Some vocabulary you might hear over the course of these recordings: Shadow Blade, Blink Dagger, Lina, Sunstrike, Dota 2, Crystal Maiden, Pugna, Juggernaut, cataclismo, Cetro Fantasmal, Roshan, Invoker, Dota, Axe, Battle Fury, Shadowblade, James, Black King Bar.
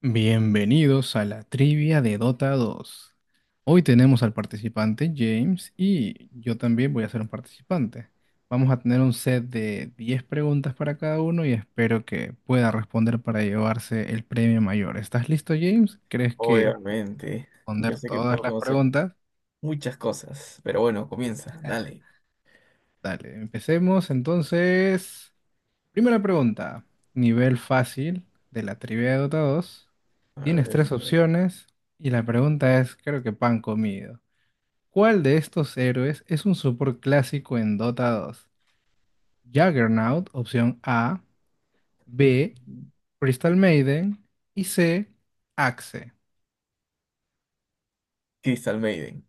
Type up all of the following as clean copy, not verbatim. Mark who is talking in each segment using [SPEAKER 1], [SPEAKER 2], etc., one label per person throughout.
[SPEAKER 1] Bienvenidos a la trivia de Dota dos. Hoy tenemos al participante James y yo también voy a ser un participante. Vamos a tener un set de 10 preguntas para cada uno y espero que pueda responder para llevarse el premio mayor. ¿Estás listo, James? ¿Crees que puedo
[SPEAKER 2] Obviamente, yo
[SPEAKER 1] responder
[SPEAKER 2] sé que
[SPEAKER 1] todas
[SPEAKER 2] puedo
[SPEAKER 1] las
[SPEAKER 2] conocer
[SPEAKER 1] preguntas?
[SPEAKER 2] muchas cosas, pero bueno, comienza, dale.
[SPEAKER 1] Dale, empecemos entonces. Primera pregunta, nivel fácil de la trivia de Dota dos.
[SPEAKER 2] A
[SPEAKER 1] Tienes
[SPEAKER 2] ver.
[SPEAKER 1] tres opciones y la pregunta es, creo que pan comido. ¿Cuál de estos héroes es un support clásico en Dota 2? Juggernaut, opción A, B,
[SPEAKER 2] Mm.
[SPEAKER 1] Crystal Maiden y C, Axe.
[SPEAKER 2] Crystal Maiden.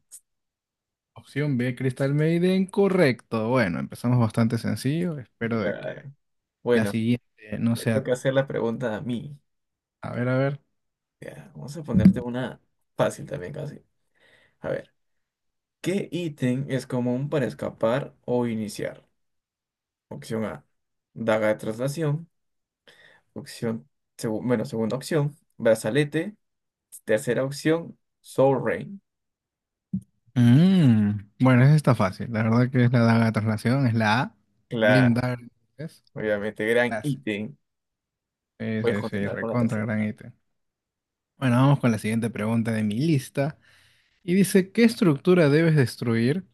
[SPEAKER 1] Opción B, Crystal Maiden, correcto. Bueno, empezamos bastante sencillo. Espero de que
[SPEAKER 2] Claro.
[SPEAKER 1] la
[SPEAKER 2] Bueno,
[SPEAKER 1] siguiente no
[SPEAKER 2] me
[SPEAKER 1] sea...
[SPEAKER 2] toca hacer la pregunta a mí.
[SPEAKER 1] A ver, a ver.
[SPEAKER 2] Ya, vamos a ponerte una fácil también casi. A ver, ¿qué ítem es común para escapar o iniciar? Opción A, daga de traslación. Opción, bueno, segunda opción, brazalete. Tercera opción, Soul Rain.
[SPEAKER 1] Bueno, esa está fácil. La verdad que es la daga de traslación, es la A.
[SPEAKER 2] Claro,
[SPEAKER 1] Blink Dagger es
[SPEAKER 2] obviamente, gran
[SPEAKER 1] la C.
[SPEAKER 2] ítem.
[SPEAKER 1] Sí,
[SPEAKER 2] Voy a
[SPEAKER 1] sí, sí,
[SPEAKER 2] continuar con la
[SPEAKER 1] recontra
[SPEAKER 2] tercera.
[SPEAKER 1] gran ítem. Bueno, vamos con la siguiente pregunta de mi lista. Y dice, ¿qué estructura debes destruir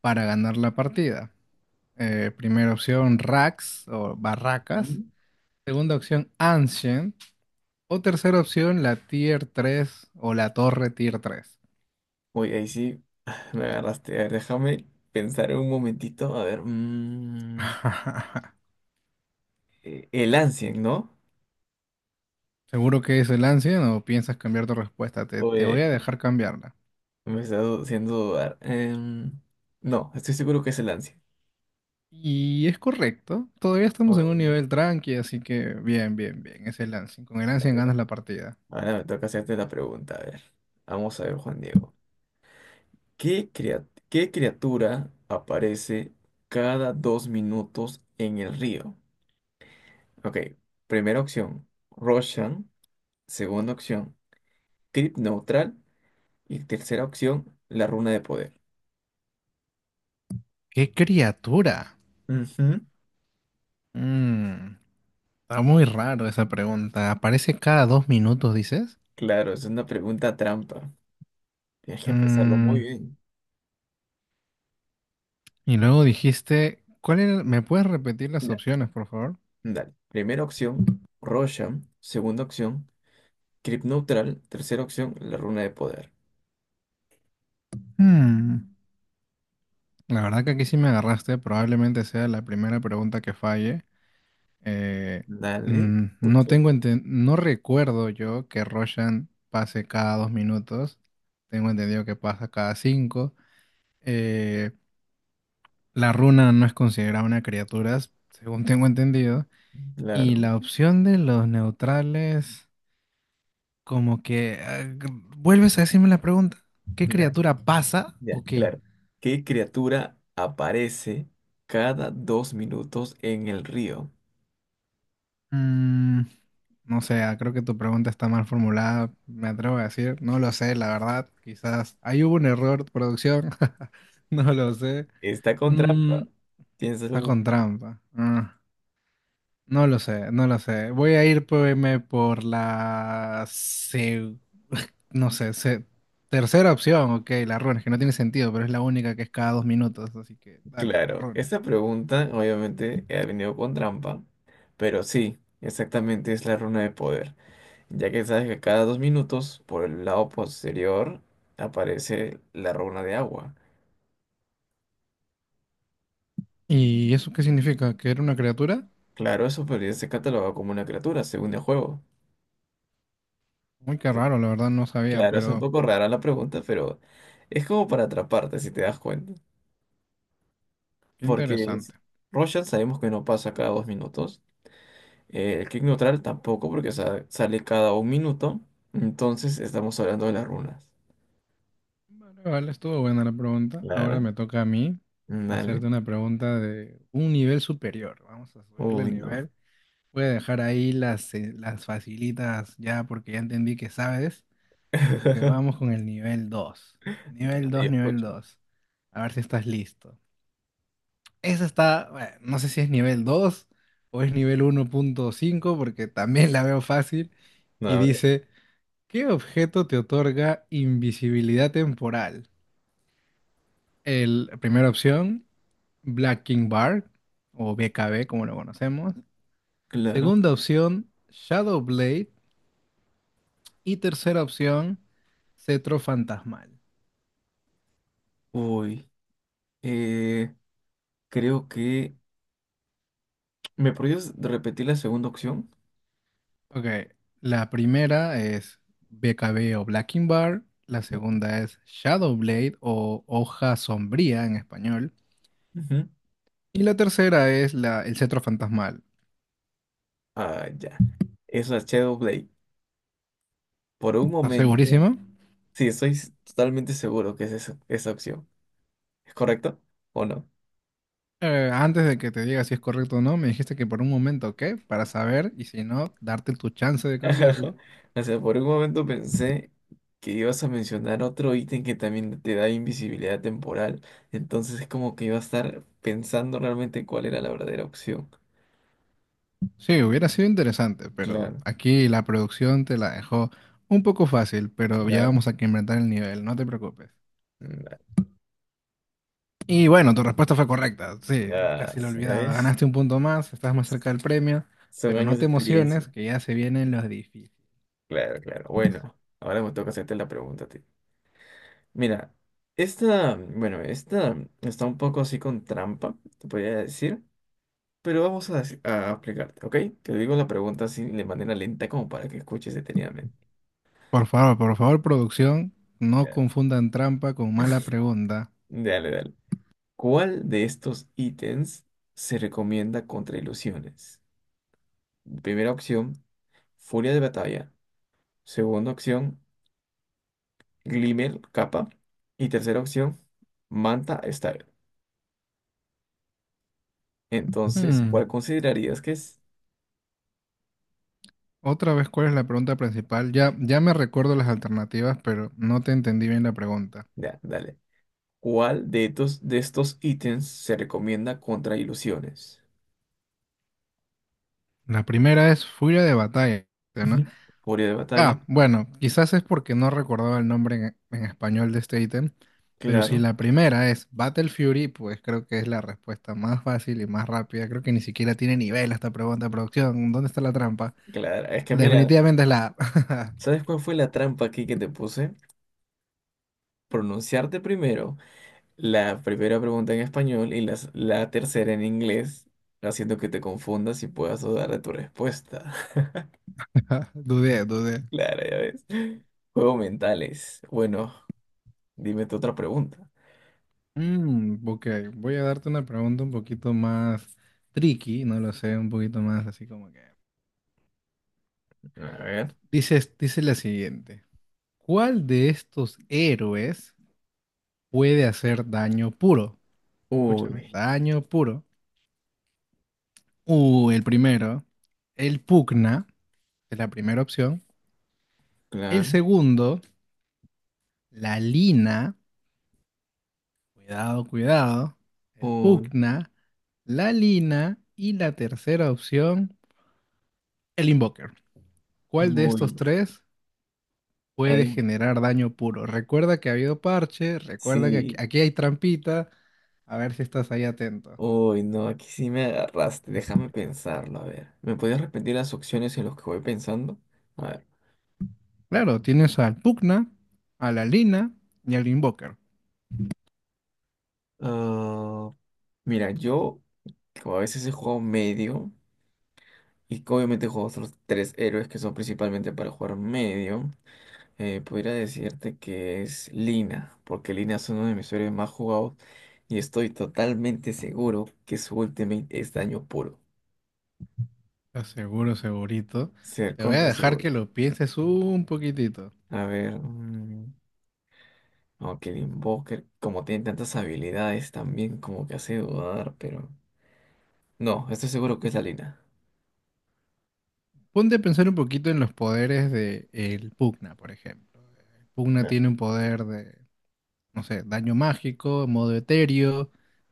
[SPEAKER 1] para ganar la partida? Primera opción, racks o barracas.
[SPEAKER 2] Mm.
[SPEAKER 1] Segunda opción, Ancient. O tercera opción, la Tier 3 o la Torre Tier 3.
[SPEAKER 2] Uy, ahí sí me agarraste. A ver, déjame pensar un momentito. A ver. El Ancien, ¿no?
[SPEAKER 1] ¿Seguro que es el Ancient o piensas cambiar tu respuesta? Te voy
[SPEAKER 2] Oye,
[SPEAKER 1] a dejar cambiarla.
[SPEAKER 2] me está haciendo dudar. No, estoy seguro que es el Ancien.
[SPEAKER 1] Y es correcto. Todavía estamos en un
[SPEAKER 2] Uy,
[SPEAKER 1] nivel tranqui, así que bien, bien, bien. Es el Ancient. Con el
[SPEAKER 2] la
[SPEAKER 1] Ancient
[SPEAKER 2] verdad.
[SPEAKER 1] ganas la partida.
[SPEAKER 2] Ahora me toca hacerte la pregunta. A ver. Vamos a ver, Juan Diego. ¿Qué criatura aparece cada 2 minutos en el río? Ok, primera opción, Roshan. Segunda opción, Crit Neutral. Y tercera opción, la runa de poder.
[SPEAKER 1] ¡Qué criatura!
[SPEAKER 2] Ujú.
[SPEAKER 1] Mm. Está muy raro esa pregunta. Aparece cada dos minutos, dices.
[SPEAKER 2] Claro, es una pregunta trampa. Tienes que pensarlo muy
[SPEAKER 1] Mm,
[SPEAKER 2] bien.
[SPEAKER 1] y luego dijiste, ¿cuál era? ¿Me puedes repetir las
[SPEAKER 2] Ya.
[SPEAKER 1] opciones, por favor?
[SPEAKER 2] Dale. Primera opción, Roshan. Segunda opción, Crypt Neutral. Tercera opción, la runa de poder.
[SPEAKER 1] Hmm, La verdad que aquí sí me agarraste. Probablemente sea la primera pregunta que falle. Eh,
[SPEAKER 2] Dale. Escucho.
[SPEAKER 1] no recuerdo yo que Roshan pase cada dos minutos. Tengo entendido que pasa cada cinco. Eh, la runa no es considerada una criatura, según tengo entendido. Y
[SPEAKER 2] Claro.
[SPEAKER 1] la opción de los neutrales, como que... vuelves a decirme la pregunta. ¿Qué
[SPEAKER 2] Dale.
[SPEAKER 1] criatura pasa
[SPEAKER 2] Ya,
[SPEAKER 1] o qué?
[SPEAKER 2] claro. ¿Qué criatura aparece cada dos minutos en el río?
[SPEAKER 1] Mm, no sé, creo que tu pregunta está mal formulada, me atrevo a decir. No lo sé, la verdad. Quizás ahí hubo un error de producción. No lo sé.
[SPEAKER 2] Está con
[SPEAKER 1] Mm,
[SPEAKER 2] trampa.
[SPEAKER 1] está
[SPEAKER 2] Piénsalo.
[SPEAKER 1] con trampa. Ah. No lo sé, no lo sé. Voy a ir irme por la... No sé, tercera opción, ok, la runa, es que no tiene sentido, pero es la única que es cada dos minutos, así que dale, la
[SPEAKER 2] Claro,
[SPEAKER 1] runa.
[SPEAKER 2] esta pregunta obviamente ha venido con trampa, pero sí, exactamente es la runa de poder, ya que sabes que cada 2 minutos por el lado posterior aparece la runa de agua.
[SPEAKER 1] ¿Y eso qué significa? ¿Que era una criatura?
[SPEAKER 2] Claro, eso podría ser catalogado como una criatura, según el juego.
[SPEAKER 1] Muy qué raro, la verdad no sabía,
[SPEAKER 2] Claro, es un
[SPEAKER 1] pero
[SPEAKER 2] poco rara la pregunta, pero es como para atraparte, si te das cuenta.
[SPEAKER 1] qué
[SPEAKER 2] Porque es-
[SPEAKER 1] interesante.
[SPEAKER 2] Roshan sabemos que no pasa cada 2 minutos. El clic neutral tampoco, porque sale cada 1 minuto. Entonces estamos hablando de las runas.
[SPEAKER 1] Vale, vale, estuvo buena la pregunta. Ahora
[SPEAKER 2] Claro.
[SPEAKER 1] me toca a mí
[SPEAKER 2] Dale.
[SPEAKER 1] hacerte una pregunta de un nivel superior. Vamos a subirle el
[SPEAKER 2] Uy, no.
[SPEAKER 1] nivel. Voy a dejar ahí las facilitas ya porque ya entendí que sabes. Así que vamos con el nivel 2. Nivel
[SPEAKER 2] Dale, yo
[SPEAKER 1] 2, nivel
[SPEAKER 2] escucho.
[SPEAKER 1] 2. A ver si estás listo. Esa está, bueno, no sé si es nivel 2 o es nivel uno punto cinco porque también la veo fácil.
[SPEAKER 2] No,
[SPEAKER 1] Y
[SPEAKER 2] a ver.
[SPEAKER 1] dice, ¿qué objeto te otorga invisibilidad temporal? La primera opción, Black King Bar o BKB como lo conocemos.
[SPEAKER 2] Claro.
[SPEAKER 1] Segunda opción, Shadow Blade. Y tercera opción, Cetro Fantasmal.
[SPEAKER 2] Uy. Eh, Creo que. ¿Me podrías repetir la segunda opción?
[SPEAKER 1] Ok, la primera es BKB o Blacking Bar, la
[SPEAKER 2] No.
[SPEAKER 1] segunda es Shadow Blade o Hoja Sombría en español,
[SPEAKER 2] Ujú.
[SPEAKER 1] y la tercera es el Cetro Fantasmal.
[SPEAKER 2] Ah, ya. Es la Shadowblade. Por un
[SPEAKER 1] ¿Estás
[SPEAKER 2] momento.
[SPEAKER 1] segurísimo?
[SPEAKER 2] Sí, estoy totalmente seguro que es esa opción. ¿Es correcto? ¿O no?
[SPEAKER 1] Antes de que te diga si es correcto o no, me dijiste que por un momento, ¿qué? Para saber, y si no, darte tu chance de cambiarlo.
[SPEAKER 2] O sea, por un momento pensé que ibas a mencionar otro ítem que también te da invisibilidad temporal. Entonces es como que iba a estar pensando realmente cuál era la verdadera opción.
[SPEAKER 1] Sí, hubiera sido interesante, pero
[SPEAKER 2] Claro,
[SPEAKER 1] aquí la producción te la dejó un poco fácil, pero ya
[SPEAKER 2] claro.
[SPEAKER 1] vamos a que inventar el nivel, no te preocupes.
[SPEAKER 2] Mm.
[SPEAKER 1] Y bueno, tu respuesta fue correcta. Sí,
[SPEAKER 2] Ya,
[SPEAKER 1] casi lo
[SPEAKER 2] ya
[SPEAKER 1] olvidaba.
[SPEAKER 2] ves.
[SPEAKER 1] Ganaste un punto más, estás más cerca del premio,
[SPEAKER 2] Son
[SPEAKER 1] pero no
[SPEAKER 2] años de
[SPEAKER 1] te emociones,
[SPEAKER 2] experiencia.
[SPEAKER 1] que ya se vienen los difíciles.
[SPEAKER 2] Claro, claro. Bueno, ahora me toca hacerte la pregunta a ti. Mira, esta está un poco así con trampa, te podría decir. Pero vamos a explicarte, ¿ok? Te digo la pregunta así de manera lenta como para que escuches detenidamente.
[SPEAKER 1] Por favor, producción, no
[SPEAKER 2] Ya.
[SPEAKER 1] confundan trampa con mala pregunta.
[SPEAKER 2] Dale, dale. ¿Cuál de estos ítems se recomienda contra ilusiones? Primera opción, furia de batalla. Segunda opción, glimmer, capa. Y tercera opción, manta style. Entonces, ¿cuál
[SPEAKER 1] Hmm,
[SPEAKER 2] considerarías que es?
[SPEAKER 1] Otra vez, ¿cuál es la pregunta principal? Ya, ya me recuerdo las alternativas, pero no te entendí bien la pregunta.
[SPEAKER 2] Ya, dale. ¿Cuál de estos ítems se recomienda contra ilusiones?
[SPEAKER 1] La primera es furia de batalla, ¿no?
[SPEAKER 2] Ujú. Furia de batalla,
[SPEAKER 1] Ah, bueno, quizás es porque no recordaba el nombre en español de este ítem, pero si
[SPEAKER 2] claro.
[SPEAKER 1] la primera es Battle Fury, pues creo que es la respuesta más fácil y más rápida. Creo que ni siquiera tiene nivel esta pregunta de producción. ¿Dónde está la trampa?
[SPEAKER 2] Claro, es que mira,
[SPEAKER 1] Definitivamente es la... A.
[SPEAKER 2] ¿sabes cuál fue la trampa aquí que te puse? Pronunciarte primero la primera pregunta en español y la tercera en inglés, haciendo que te confundas y puedas dudar de tu respuesta.
[SPEAKER 1] Dudé, dudé.
[SPEAKER 2] Claro, ya ves. Juegos mentales. Bueno, dime tu otra pregunta.
[SPEAKER 1] Ok, voy a darte una pregunta un poquito más tricky, no lo sé, un poquito más así como que...
[SPEAKER 2] A ver.
[SPEAKER 1] Dices, dice la siguiente. ¿Cuál de estos héroes puede hacer daño puro? Escúchame,
[SPEAKER 2] Uy,
[SPEAKER 1] daño puro. El primero, el pugna, es la primera opción. El
[SPEAKER 2] claro.
[SPEAKER 1] segundo, la lina. Cuidado, cuidado. El
[SPEAKER 2] Uy,
[SPEAKER 1] pugna, la lina. Y la tercera opción, el invoker. ¿Cuál de estos
[SPEAKER 2] uy.
[SPEAKER 1] tres
[SPEAKER 2] Ahí
[SPEAKER 1] puede generar daño puro? Recuerda que ha habido parche, recuerda que aquí
[SPEAKER 2] sí.
[SPEAKER 1] aquí hay trampita. A ver si estás ahí atento.
[SPEAKER 2] Uy, no, aquí sí me agarraste. Déjame pensarlo. A ver. ¿Me podías repetir las opciones en las que voy pensando? A ver.
[SPEAKER 1] Claro, tienes al pugna, a la lina y al invoker.
[SPEAKER 2] Ah, mira, yo como a veces he jugado medio y que obviamente juego otros tres héroes que son principalmente para jugar medio. Podría decirte que es Lina, porque Lina es uno de mis héroes más jugados y estoy totalmente seguro que su ultimate es daño puro.
[SPEAKER 1] Estás seguro, segurito.
[SPEAKER 2] Ser
[SPEAKER 1] Te voy a
[SPEAKER 2] contra
[SPEAKER 1] dejar
[SPEAKER 2] seguro.
[SPEAKER 1] que lo pienses un poquitito.
[SPEAKER 2] A ver, aunque el Invoker, como tiene tantas habilidades también, como que hace dudar, pero no, estoy seguro que es la Lina.
[SPEAKER 1] Ponte a pensar un poquito en los poderes de el Pugna, por ejemplo. El Pugna
[SPEAKER 2] No.
[SPEAKER 1] tiene un poder de, no sé, daño mágico, modo etéreo.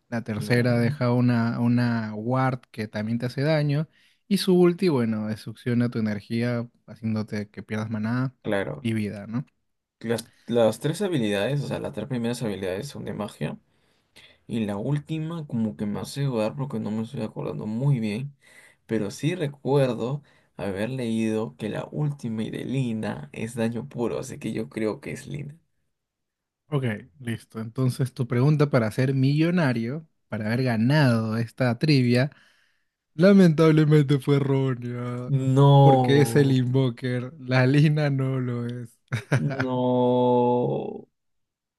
[SPEAKER 1] La tercera
[SPEAKER 2] Claro,
[SPEAKER 1] deja una ward que también te hace daño. Y su ulti, bueno, succiona tu energía, haciéndote que pierdas maná
[SPEAKER 2] claro.
[SPEAKER 1] y vida, ¿no?
[SPEAKER 2] Las tres habilidades, o sea, las tres primeras habilidades son de magia. Y la última, como que me hace dudar porque no me estoy acordando muy bien. Pero sí recuerdo haber leído que la última y de Lina es daño puro, así que yo creo que es Lina.
[SPEAKER 1] Ok, listo. Entonces, tu pregunta para ser millonario, para haber ganado esta trivia. Lamentablemente fue errónea, porque es el
[SPEAKER 2] No,
[SPEAKER 1] Invoker, la Lina no lo es.
[SPEAKER 2] no.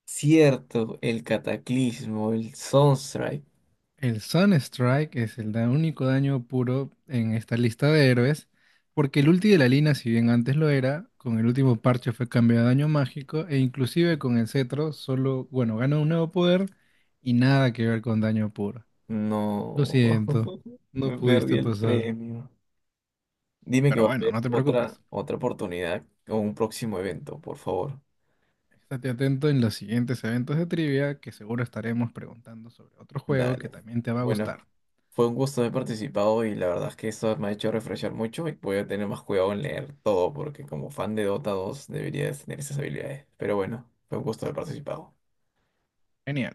[SPEAKER 2] Cierto, el cataclismo, el Sunstrike.
[SPEAKER 1] El Sunstrike es el único daño puro en esta lista de héroes, porque el ulti de la Lina, si bien antes lo era, con el último parche fue cambiado a daño mágico e inclusive con el cetro solo, bueno, gana un nuevo poder y nada que ver con daño puro. Lo
[SPEAKER 2] No,
[SPEAKER 1] siento, no
[SPEAKER 2] me perdí
[SPEAKER 1] pudiste
[SPEAKER 2] el
[SPEAKER 1] pasar.
[SPEAKER 2] premio. Dime que
[SPEAKER 1] Pero
[SPEAKER 2] va a
[SPEAKER 1] bueno,
[SPEAKER 2] haber
[SPEAKER 1] no te
[SPEAKER 2] otra,
[SPEAKER 1] preocupes.
[SPEAKER 2] otra oportunidad o un próximo evento, por favor.
[SPEAKER 1] Estate atento en los siguientes eventos de trivia que seguro estaremos preguntando sobre otro juego que
[SPEAKER 2] Dale.
[SPEAKER 1] también te va a
[SPEAKER 2] Bueno,
[SPEAKER 1] gustar.
[SPEAKER 2] fue un gusto haber participado y la verdad es que esto me ha hecho refrescar mucho y voy a tener más cuidado en leer todo porque como fan de Dota 2 deberías tener esas habilidades. Pero bueno, fue un gusto haber participado.
[SPEAKER 1] Genial.